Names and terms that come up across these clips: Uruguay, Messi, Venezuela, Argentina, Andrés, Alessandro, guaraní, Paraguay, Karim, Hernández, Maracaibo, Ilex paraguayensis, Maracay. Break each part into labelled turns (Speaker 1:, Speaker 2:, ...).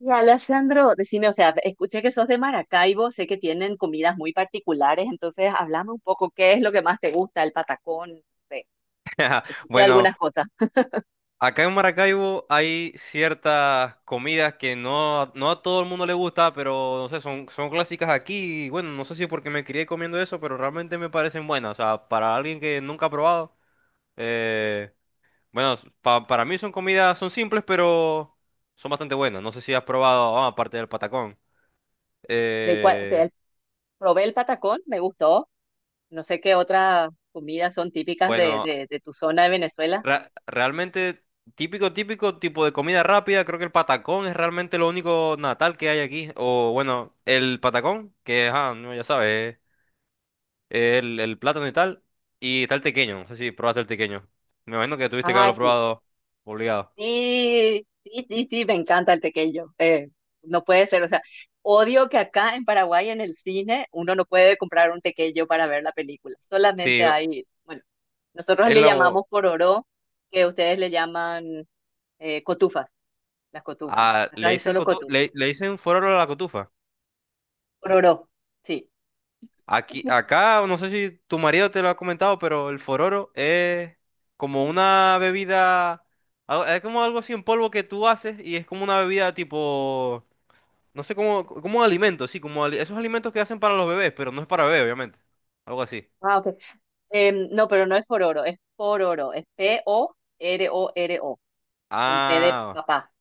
Speaker 1: Y Alessandro, decime, o sea, escuché que sos de Maracaibo, sé que tienen comidas muy particulares, entonces háblame un poco, ¿qué es lo que más te gusta? El patacón, no sé,
Speaker 2: Ajá,
Speaker 1: escuché
Speaker 2: Bueno,
Speaker 1: algunas cosas.
Speaker 2: acá en Maracaibo hay ciertas comidas que no a todo el mundo le gusta, pero no sé, son clásicas aquí. Y bueno, no sé si es porque me crié comiendo eso, pero realmente me parecen buenas. O sea, para alguien que nunca ha probado, eh, bueno, para mí son comidas, son simples, pero son bastante buenas. No sé si has probado, ah, aparte del patacón.
Speaker 1: De cuál- o sea,
Speaker 2: Eh,
Speaker 1: el- probé el patacón, me gustó, no sé qué otras comidas son típicas de,
Speaker 2: bueno,
Speaker 1: de, de tu zona de Venezuela.
Speaker 2: Realmente típico, típico tipo de comida rápida. Creo que el patacón es realmente lo único natal que hay aquí. O bueno, el patacón, que ajá, no, ya sabes, el plátano y tal. Y está el tequeño. No sé si probaste el tequeño. Me imagino que tuviste que
Speaker 1: Ah,
Speaker 2: haberlo
Speaker 1: sí.
Speaker 2: probado obligado.
Speaker 1: Sí, sí, sí, sí, me encanta el tequeño. No puede ser, o sea, odio que acá en Paraguay en el cine uno no puede comprar un tequeño para ver la película. Solamente
Speaker 2: Sí,
Speaker 1: hay, bueno, nosotros
Speaker 2: es
Speaker 1: le
Speaker 2: la...
Speaker 1: llamamos pororó, que ustedes le llaman cotufas, las cotufas.
Speaker 2: ah,
Speaker 1: Acá
Speaker 2: le
Speaker 1: hay
Speaker 2: dicen
Speaker 1: solo cotufas.
Speaker 2: le dicen fuera de la cotufa.
Speaker 1: Pororó, sí.
Speaker 2: Aquí, acá, no sé si tu marido te lo ha comentado, pero el fororo es como una bebida, es como algo así en polvo que tú haces y es como una bebida tipo, no sé cómo, como un alimento, sí, como esos alimentos que hacen para los bebés, pero no es para bebé, obviamente. Algo así.
Speaker 1: Ah, ok. No, pero no es pororo, es pororo, es Pororo, con P de
Speaker 2: Ah,
Speaker 1: papá,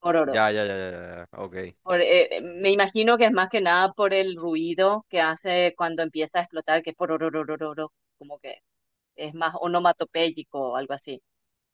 Speaker 1: pororo.
Speaker 2: ya, ya, ya, ya, ya, ya, ok.
Speaker 1: Me imagino que es más que nada por el ruido que hace cuando empieza a explotar, que es por orororororo, como que es más onomatopéyico o algo así.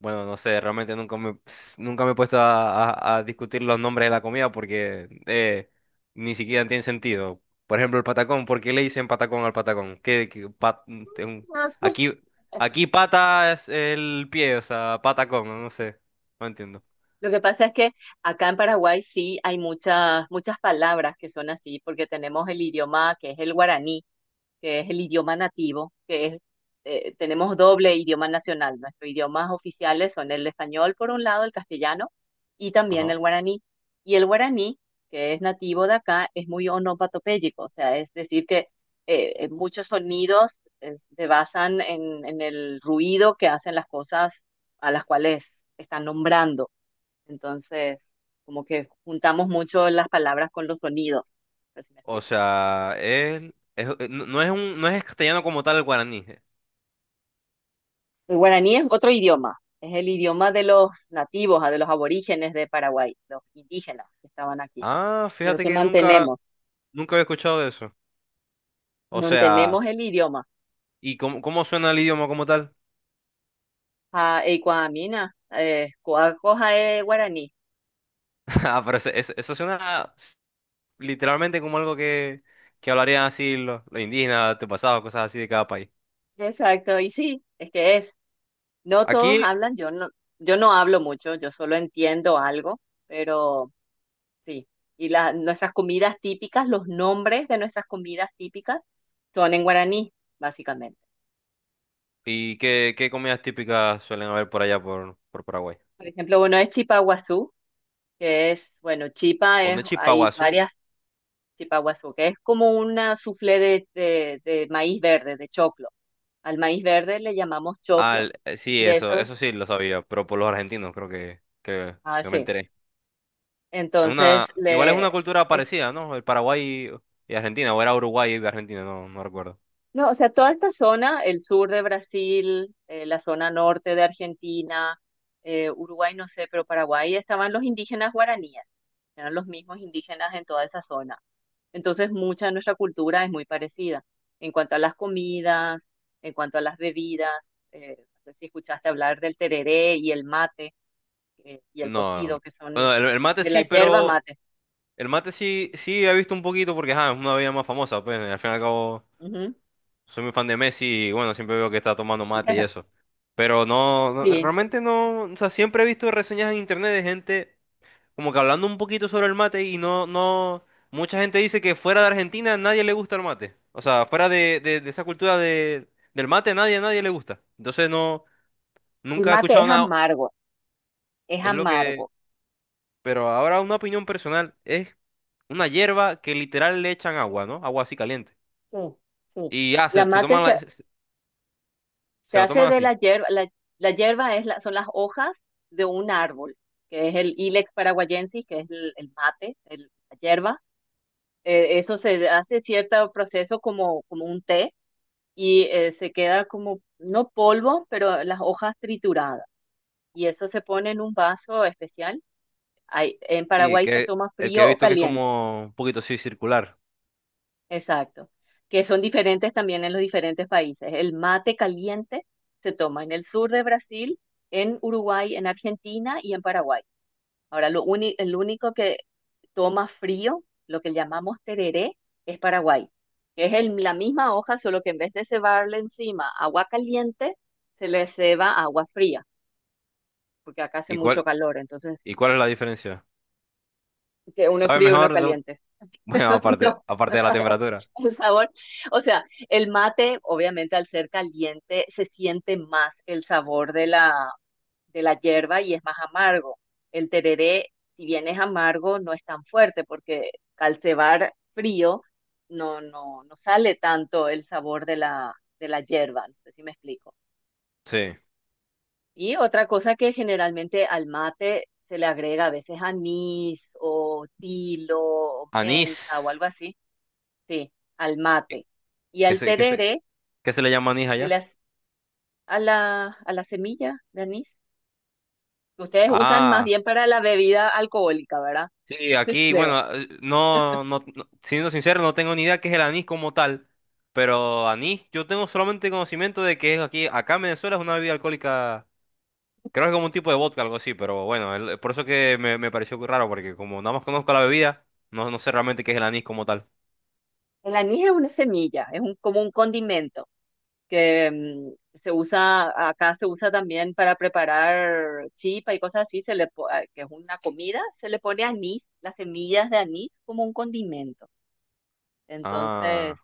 Speaker 2: Bueno, no sé, realmente nunca me he puesto a discutir los nombres de la comida porque ni siquiera tienen sentido. Por ejemplo, el patacón, ¿por qué le dicen patacón al patacón? ¿Qué, qué pa- te- un-?
Speaker 1: No sé.
Speaker 2: Aquí, aquí pata es el pie, o sea, patacón, no sé, no entiendo.
Speaker 1: Lo que pasa es que acá en Paraguay sí hay muchas, muchas palabras que son así, porque tenemos el idioma que es el guaraní. Que es el idioma nativo, tenemos doble idioma nacional. Nuestros idiomas oficiales son el español, por un lado, el castellano y también
Speaker 2: Ajá.
Speaker 1: el guaraní. Y el guaraní, que es nativo de acá, es muy onomatopéyico, o sea, es decir, que muchos sonidos se basan en el ruido que hacen las cosas a las cuales están nombrando. Entonces, como que juntamos mucho las palabras con los sonidos. No sé si me
Speaker 2: O
Speaker 1: explico.
Speaker 2: sea, no es castellano como tal, el guaraní.
Speaker 1: El guaraní es otro idioma, es el idioma de los nativos, ah, de los aborígenes de Paraguay, los indígenas que estaban aquí,
Speaker 2: Ah,
Speaker 1: pero
Speaker 2: fíjate
Speaker 1: que
Speaker 2: que nunca,
Speaker 1: mantenemos,
Speaker 2: nunca había escuchado de eso. O sea,
Speaker 1: mantenemos el idioma.
Speaker 2: ¿y cómo suena el idioma como tal?
Speaker 1: Ah, y cuamina, es guaraní.
Speaker 2: Ah, pero eso suena literalmente como algo que hablarían así los indígenas, antepasados, cosas así de cada país.
Speaker 1: Exacto, y sí, es que es. No todos
Speaker 2: Aquí,
Speaker 1: hablan, yo no hablo mucho, yo solo entiendo algo, pero sí. Y nuestras comidas típicas, los nombres de nuestras comidas típicas son en guaraní, básicamente.
Speaker 2: ¿y qué comidas típicas suelen haber por allá por Paraguay?
Speaker 1: Por ejemplo, uno es chipaguazú, bueno,
Speaker 2: Ondechi
Speaker 1: hay
Speaker 2: Paguazú.
Speaker 1: varias chipa chipaguazú, que es como una soufflé de maíz verde, de choclo. Al maíz verde le llamamos
Speaker 2: Ah,
Speaker 1: choclo,
Speaker 2: el- sí,
Speaker 1: de
Speaker 2: eso,
Speaker 1: eso,
Speaker 2: eso sí lo sabía, pero por los argentinos creo que, que,
Speaker 1: ah,
Speaker 2: que me
Speaker 1: sí.
Speaker 2: enteré. Es una,
Speaker 1: Entonces,
Speaker 2: igual es
Speaker 1: le,
Speaker 2: una cultura
Speaker 1: es
Speaker 2: parecida, ¿no? El Paraguay y Argentina, o era Uruguay y Argentina, no, no recuerdo.
Speaker 1: No, o sea, toda esta zona, el sur de Brasil, la zona norte de Argentina, Uruguay, no sé, pero Paraguay, estaban los indígenas guaraníes, eran los mismos indígenas en toda esa zona. Entonces, mucha de nuestra cultura es muy parecida en cuanto a las comidas, en cuanto a las bebidas. eh, no sé si escuchaste hablar del tereré y el mate y el
Speaker 2: No, no.
Speaker 1: cocido, que
Speaker 2: Bueno,
Speaker 1: son
Speaker 2: el mate
Speaker 1: de la
Speaker 2: sí,
Speaker 1: yerba
Speaker 2: pero
Speaker 1: mate.
Speaker 2: el mate sí, sí he visto un poquito porque ajá, es una bebida más famosa, pues al fin y al cabo.
Speaker 1: Ujú.
Speaker 2: Soy muy fan de Messi y bueno, siempre veo que está tomando mate y eso. Pero no, no,
Speaker 1: Sí,
Speaker 2: realmente no, o sea, siempre he visto reseñas en internet de gente como que hablando un poquito sobre el mate y no, no, mucha gente dice que fuera de Argentina nadie le gusta el mate. O sea, fuera de, de esa cultura de, del mate nadie, nadie le gusta. Entonces no,
Speaker 1: el
Speaker 2: nunca he
Speaker 1: mate
Speaker 2: escuchado
Speaker 1: es
Speaker 2: nada,
Speaker 1: amargo, es
Speaker 2: es lo que,
Speaker 1: amargo.
Speaker 2: pero ahora una opinión personal es una hierba que literal le echan agua, ¿no? Agua así caliente.
Speaker 1: Sí, sí.
Speaker 2: Y ya, se,
Speaker 1: La
Speaker 2: se
Speaker 1: mate
Speaker 2: toman
Speaker 1: se,
Speaker 2: la- se
Speaker 1: se
Speaker 2: se la toman
Speaker 1: hace de
Speaker 2: así.
Speaker 1: la hierba, la hierba son las hojas de un árbol, que es el Ilex paraguayensis, que es el mate, la hierba. Eso se hace cierto proceso como un té y se queda como, no polvo, pero las hojas trituradas. Y eso se pone en un vaso especial. En
Speaker 2: Sí,
Speaker 1: Paraguay se
Speaker 2: que
Speaker 1: toma
Speaker 2: el que he
Speaker 1: frío o
Speaker 2: visto que es
Speaker 1: caliente.
Speaker 2: como un poquito así circular.
Speaker 1: Exacto, que son diferentes también en los diferentes países. El mate caliente se toma en el sur de Brasil, en Uruguay, en Argentina y en Paraguay. Ahora, el único que toma frío, lo que llamamos tereré, es Paraguay, que es la misma hoja, solo que en vez de cebarle encima agua caliente, se le ceba agua fría, porque acá hace
Speaker 2: ¿Y
Speaker 1: mucho
Speaker 2: cuál,
Speaker 1: calor, entonces
Speaker 2: y cuál es la diferencia?
Speaker 1: que uno es
Speaker 2: ¿Sabe
Speaker 1: frío y uno es
Speaker 2: mejor?
Speaker 1: caliente.
Speaker 2: Bueno, aparte,
Speaker 1: No.
Speaker 2: aparte de la temperatura.
Speaker 1: El sabor, o sea, el mate, obviamente al ser caliente, se siente más el sabor de la hierba y es más amargo. El tereré, si bien es amargo, no es tan fuerte porque al cebar frío no sale tanto el sabor de la hierba, no sé si me explico.
Speaker 2: Sí.
Speaker 1: Y otra cosa que generalmente al mate se le agrega a veces anís o tilo o
Speaker 2: Anís.
Speaker 1: menta o algo así, sí, al
Speaker 2: ¿Qué
Speaker 1: mate. Y
Speaker 2: qué
Speaker 1: al
Speaker 2: se, qué se,
Speaker 1: tereré
Speaker 2: qué se, le llama anís
Speaker 1: de
Speaker 2: allá?
Speaker 1: las, a la semilla de anís. Ustedes usan más
Speaker 2: Ah,
Speaker 1: bien para la bebida alcohólica, ¿verdad?
Speaker 2: sí, aquí,
Speaker 1: Creo.
Speaker 2: bueno, siendo sincero, no tengo ni idea qué es el anís como tal. Pero anís, yo tengo solamente conocimiento de que es aquí, acá en Venezuela es una bebida alcohólica. Creo que es como un tipo de vodka, algo así, pero bueno, el- por eso que me pareció muy raro, porque como nada más conozco la bebida, no sé realmente qué es el anís como tal.
Speaker 1: El anís es una semilla, como un condimento que se usa, acá se usa también para preparar chipa y cosas así, se le, po- a- que es una comida, se le pone anís, las semillas de anís como un condimento. Entonces,
Speaker 2: Ah,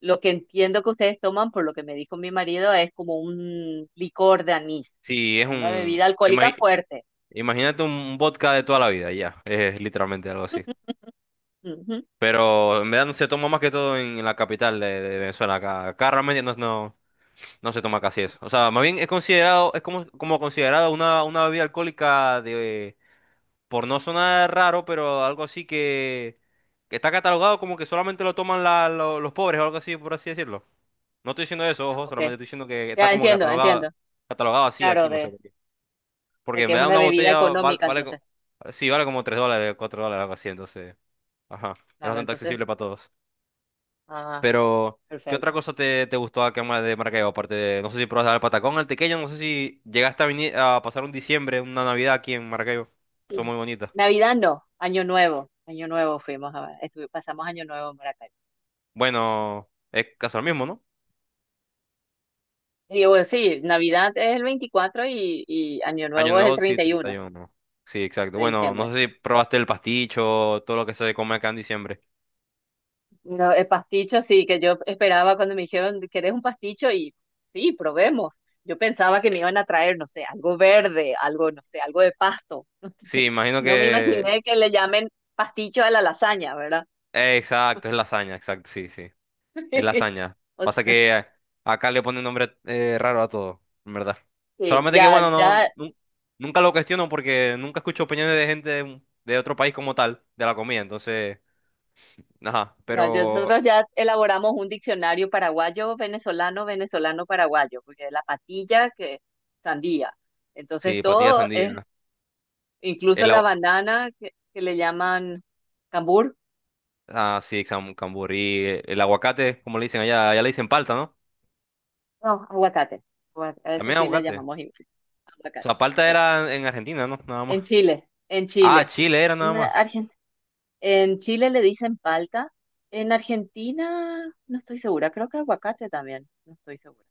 Speaker 1: lo que entiendo que ustedes toman, por lo que me dijo mi marido, es como un licor de anís,
Speaker 2: sí, es
Speaker 1: es una
Speaker 2: un...
Speaker 1: bebida alcohólica
Speaker 2: imagi-
Speaker 1: fuerte.
Speaker 2: imagínate un vodka de toda la vida, ya, es literalmente algo así.
Speaker 1: Ujú.
Speaker 2: Pero en verdad no se toma más que todo en, la capital de Venezuela, acá realmente no se toma casi eso. O sea, más bien es considerado, es como considerado una bebida alcohólica de, por no sonar raro, pero algo así que está catalogado como que solamente lo toman los pobres o algo así, por así decirlo. No estoy diciendo eso, ojo,
Speaker 1: Ok.
Speaker 2: solamente estoy diciendo que está
Speaker 1: Ya
Speaker 2: como
Speaker 1: entiendo,
Speaker 2: catalogado,
Speaker 1: entiendo.
Speaker 2: catalogado así aquí,
Speaker 1: Claro,
Speaker 2: no sé
Speaker 1: de,
Speaker 2: por qué.
Speaker 1: de
Speaker 2: Porque
Speaker 1: que es
Speaker 2: me da
Speaker 1: una
Speaker 2: una
Speaker 1: bebida
Speaker 2: botella,
Speaker 1: económica,
Speaker 2: vale,
Speaker 1: entonces.
Speaker 2: sí, vale como 3 dólares, 4 dólares, algo así, entonces, ajá, es
Speaker 1: Claro,
Speaker 2: bastante
Speaker 1: entonces.
Speaker 2: accesible para todos.
Speaker 1: Ah,
Speaker 2: Pero, ¿qué otra
Speaker 1: perfecto.
Speaker 2: cosa te gustó acá en de Maracaibo? Aparte de, no sé si probaste el patacón, el tequeño, no sé si llegaste a, venir, a pasar un diciembre, una Navidad aquí en Maracaibo. Son
Speaker 1: Sí.
Speaker 2: muy bonitas.
Speaker 1: Navidad no, Año Nuevo. Año Nuevo fuimos a, pasamos Año Nuevo en Maracay.
Speaker 2: Bueno, es casi lo mismo, ¿no?
Speaker 1: Y bueno, sí, Navidad es el 24 y Año
Speaker 2: Año
Speaker 1: Nuevo es el
Speaker 2: nuevo, sí,
Speaker 1: treinta y
Speaker 2: treinta
Speaker 1: uno
Speaker 2: y uno Sí, exacto.
Speaker 1: de
Speaker 2: Bueno,
Speaker 1: diciembre.
Speaker 2: no sé si probaste el pasticho, todo lo que se come acá en diciembre.
Speaker 1: No, el pasticho sí, que yo esperaba cuando me dijeron, ¿querés un pasticho? Y sí, probemos. Yo pensaba que me iban a traer, no sé, algo verde, algo, no sé, algo de pasto.
Speaker 2: Sí, imagino
Speaker 1: No me
Speaker 2: que...
Speaker 1: imaginé que le llamen pasticho a la lasaña, ¿verdad?
Speaker 2: exacto, es lasaña, exacto, sí, sí. Es lasaña.
Speaker 1: O
Speaker 2: Pasa
Speaker 1: sea,
Speaker 2: que acá le ponen nombre raro a todo, en verdad.
Speaker 1: sí,
Speaker 2: Solamente que,
Speaker 1: ya,
Speaker 2: bueno, no,
Speaker 1: ya,
Speaker 2: nunca lo cuestiono porque nunca escucho opiniones de gente de otro país como tal, de la comida. Entonces, ajá,
Speaker 1: ya,
Speaker 2: pero
Speaker 1: nosotros ya elaboramos un diccionario paraguayo, venezolano, venezolano, paraguayo, porque la patilla que sandía. Entonces
Speaker 2: sí, patilla de
Speaker 1: todo
Speaker 2: sandía.
Speaker 1: incluso la banana que le llaman cambur.
Speaker 2: Ah, sí, camburí. El aguacate, como le dicen allá, allá le dicen palta, ¿no?
Speaker 1: No, aguacate. A veces
Speaker 2: También
Speaker 1: sí le
Speaker 2: aguacate.
Speaker 1: llamamos igual.
Speaker 2: O
Speaker 1: Aguacate.
Speaker 2: sea, palta
Speaker 1: Sí.
Speaker 2: era en Argentina, ¿no? Nada más.
Speaker 1: En Chile, en
Speaker 2: Ah,
Speaker 1: Chile.
Speaker 2: Chile era
Speaker 1: En,
Speaker 2: nada más.
Speaker 1: Argen- en Chile le dicen palta. En Argentina, no estoy segura. Creo que aguacate también. No estoy segura.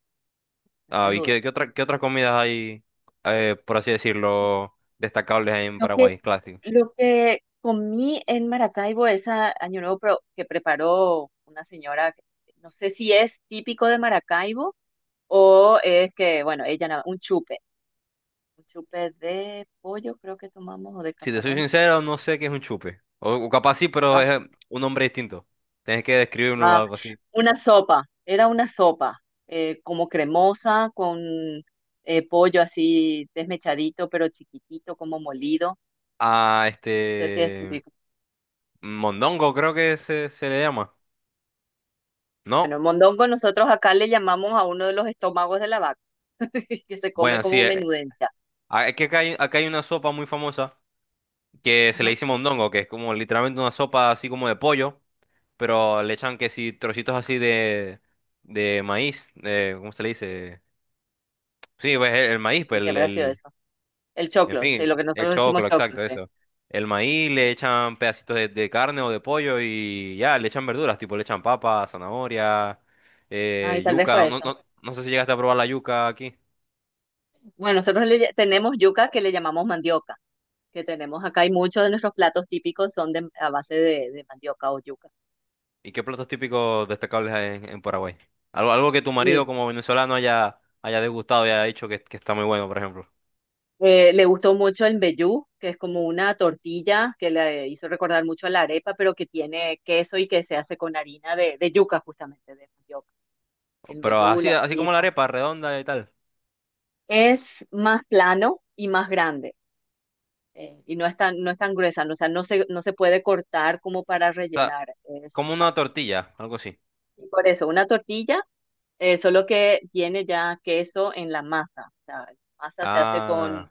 Speaker 1: Esa es
Speaker 2: Ah, ¿y
Speaker 1: duda.
Speaker 2: qué otras comidas hay, por así decirlo, destacables en
Speaker 1: Lo que,
Speaker 2: Paraguay, clásico?
Speaker 1: lo que comí en Maracaibo ese año nuevo que preparó una señora, no sé si es típico de Maracaibo o es que, bueno, un chupe. Un chupe de pollo, creo que tomamos, o de
Speaker 2: Si te soy
Speaker 1: camarón.
Speaker 2: sincero, no sé qué es un chupe. O capaz sí, pero
Speaker 1: Ah,
Speaker 2: es un nombre distinto. Tienes que describirlo o
Speaker 1: ah,
Speaker 2: algo así.
Speaker 1: una sopa, era una sopa, como cremosa, con pollo así desmechadito, pero chiquitito, como molido.
Speaker 2: Ah,
Speaker 1: No sé si es
Speaker 2: este...
Speaker 1: típico.
Speaker 2: Mondongo creo que se le llama.
Speaker 1: Bueno,
Speaker 2: ¿No?
Speaker 1: el mondongo nosotros acá le llamamos a uno de los estómagos de la vaca, que se come
Speaker 2: Bueno, sí.
Speaker 1: como menudencia.
Speaker 2: Ah, es que acá hay una sopa muy famosa que se le
Speaker 1: Ajá.
Speaker 2: dice mondongo, que es como literalmente una sopa así como de pollo, pero le echan que si trocitos así de maíz, de, ¿cómo se le dice? Sí, pues el maíz, pues
Speaker 1: Entonces, habrá sido eso. El
Speaker 2: en
Speaker 1: choclo, sí, lo que
Speaker 2: fin, el
Speaker 1: nosotros decimos
Speaker 2: choclo,
Speaker 1: choclo,
Speaker 2: exacto,
Speaker 1: sí.
Speaker 2: eso. El maíz le echan pedacitos de, carne o de pollo y ya, le echan verduras, tipo le echan papa, zanahoria,
Speaker 1: Ay, tal vez
Speaker 2: yuca,
Speaker 1: fue
Speaker 2: no,
Speaker 1: eso.
Speaker 2: no, no sé si llegaste a probar la yuca aquí.
Speaker 1: Bueno, nosotros tenemos yuca que le llamamos mandioca, que tenemos acá y muchos de nuestros platos típicos son a base de mandioca o yuca.
Speaker 2: ¿Y qué platos típicos destacables hay en, Paraguay? Algo, algo que tu marido como venezolano haya degustado y haya dicho que está muy bueno, por ejemplo.
Speaker 1: Le gustó mucho el mbejú, que es como una tortilla que le hizo recordar mucho a la arepa, pero que tiene queso y que se hace con harina de yuca, justamente, de mandioca. El
Speaker 2: Pero
Speaker 1: mbejú,
Speaker 2: así,
Speaker 1: la
Speaker 2: así como la
Speaker 1: chipa.
Speaker 2: arepa redonda y tal.
Speaker 1: Es más plano y más grande, y no es tan gruesa, no, o sea, no se puede cortar como para
Speaker 2: O sea,
Speaker 1: rellenar. Es
Speaker 2: como
Speaker 1: más,
Speaker 2: una tortilla, algo así.
Speaker 1: y por eso, una tortilla, solo que tiene ya queso en la masa. O sea, la masa se hace con
Speaker 2: Ah,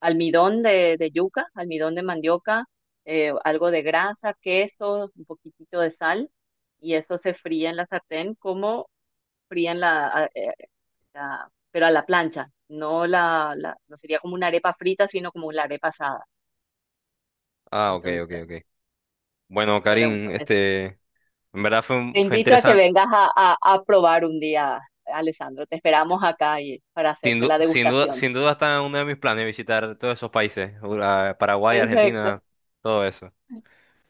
Speaker 1: almidón de yuca, almidón de mandioca, algo de grasa, queso, un poquitito de sal, y eso se fría en la sartén como frían pero a la plancha, no sería como una arepa frita, sino como una arepa asada.
Speaker 2: ah, ok, ok,
Speaker 1: Entonces,
Speaker 2: ok. Bueno,
Speaker 1: esto le
Speaker 2: Karim,
Speaker 1: gustó. Eso.
Speaker 2: este, en verdad fue,
Speaker 1: Te
Speaker 2: fue
Speaker 1: invito a que
Speaker 2: interesante.
Speaker 1: vengas a probar un día, Alessandro. Te esperamos acá para
Speaker 2: Sin,
Speaker 1: hacerte
Speaker 2: du-
Speaker 1: la
Speaker 2: sin duda,
Speaker 1: degustación.
Speaker 2: sin duda está en uno de mis planes visitar todos esos países, Paraguay,
Speaker 1: Perfecto.
Speaker 2: Argentina, todo eso.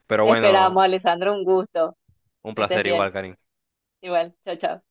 Speaker 2: Pero
Speaker 1: Te esperamos,
Speaker 2: bueno,
Speaker 1: Alessandro. Un gusto.
Speaker 2: un
Speaker 1: Que estés
Speaker 2: placer
Speaker 1: bien.
Speaker 2: igual, Karim.
Speaker 1: Igual. Chao, chao.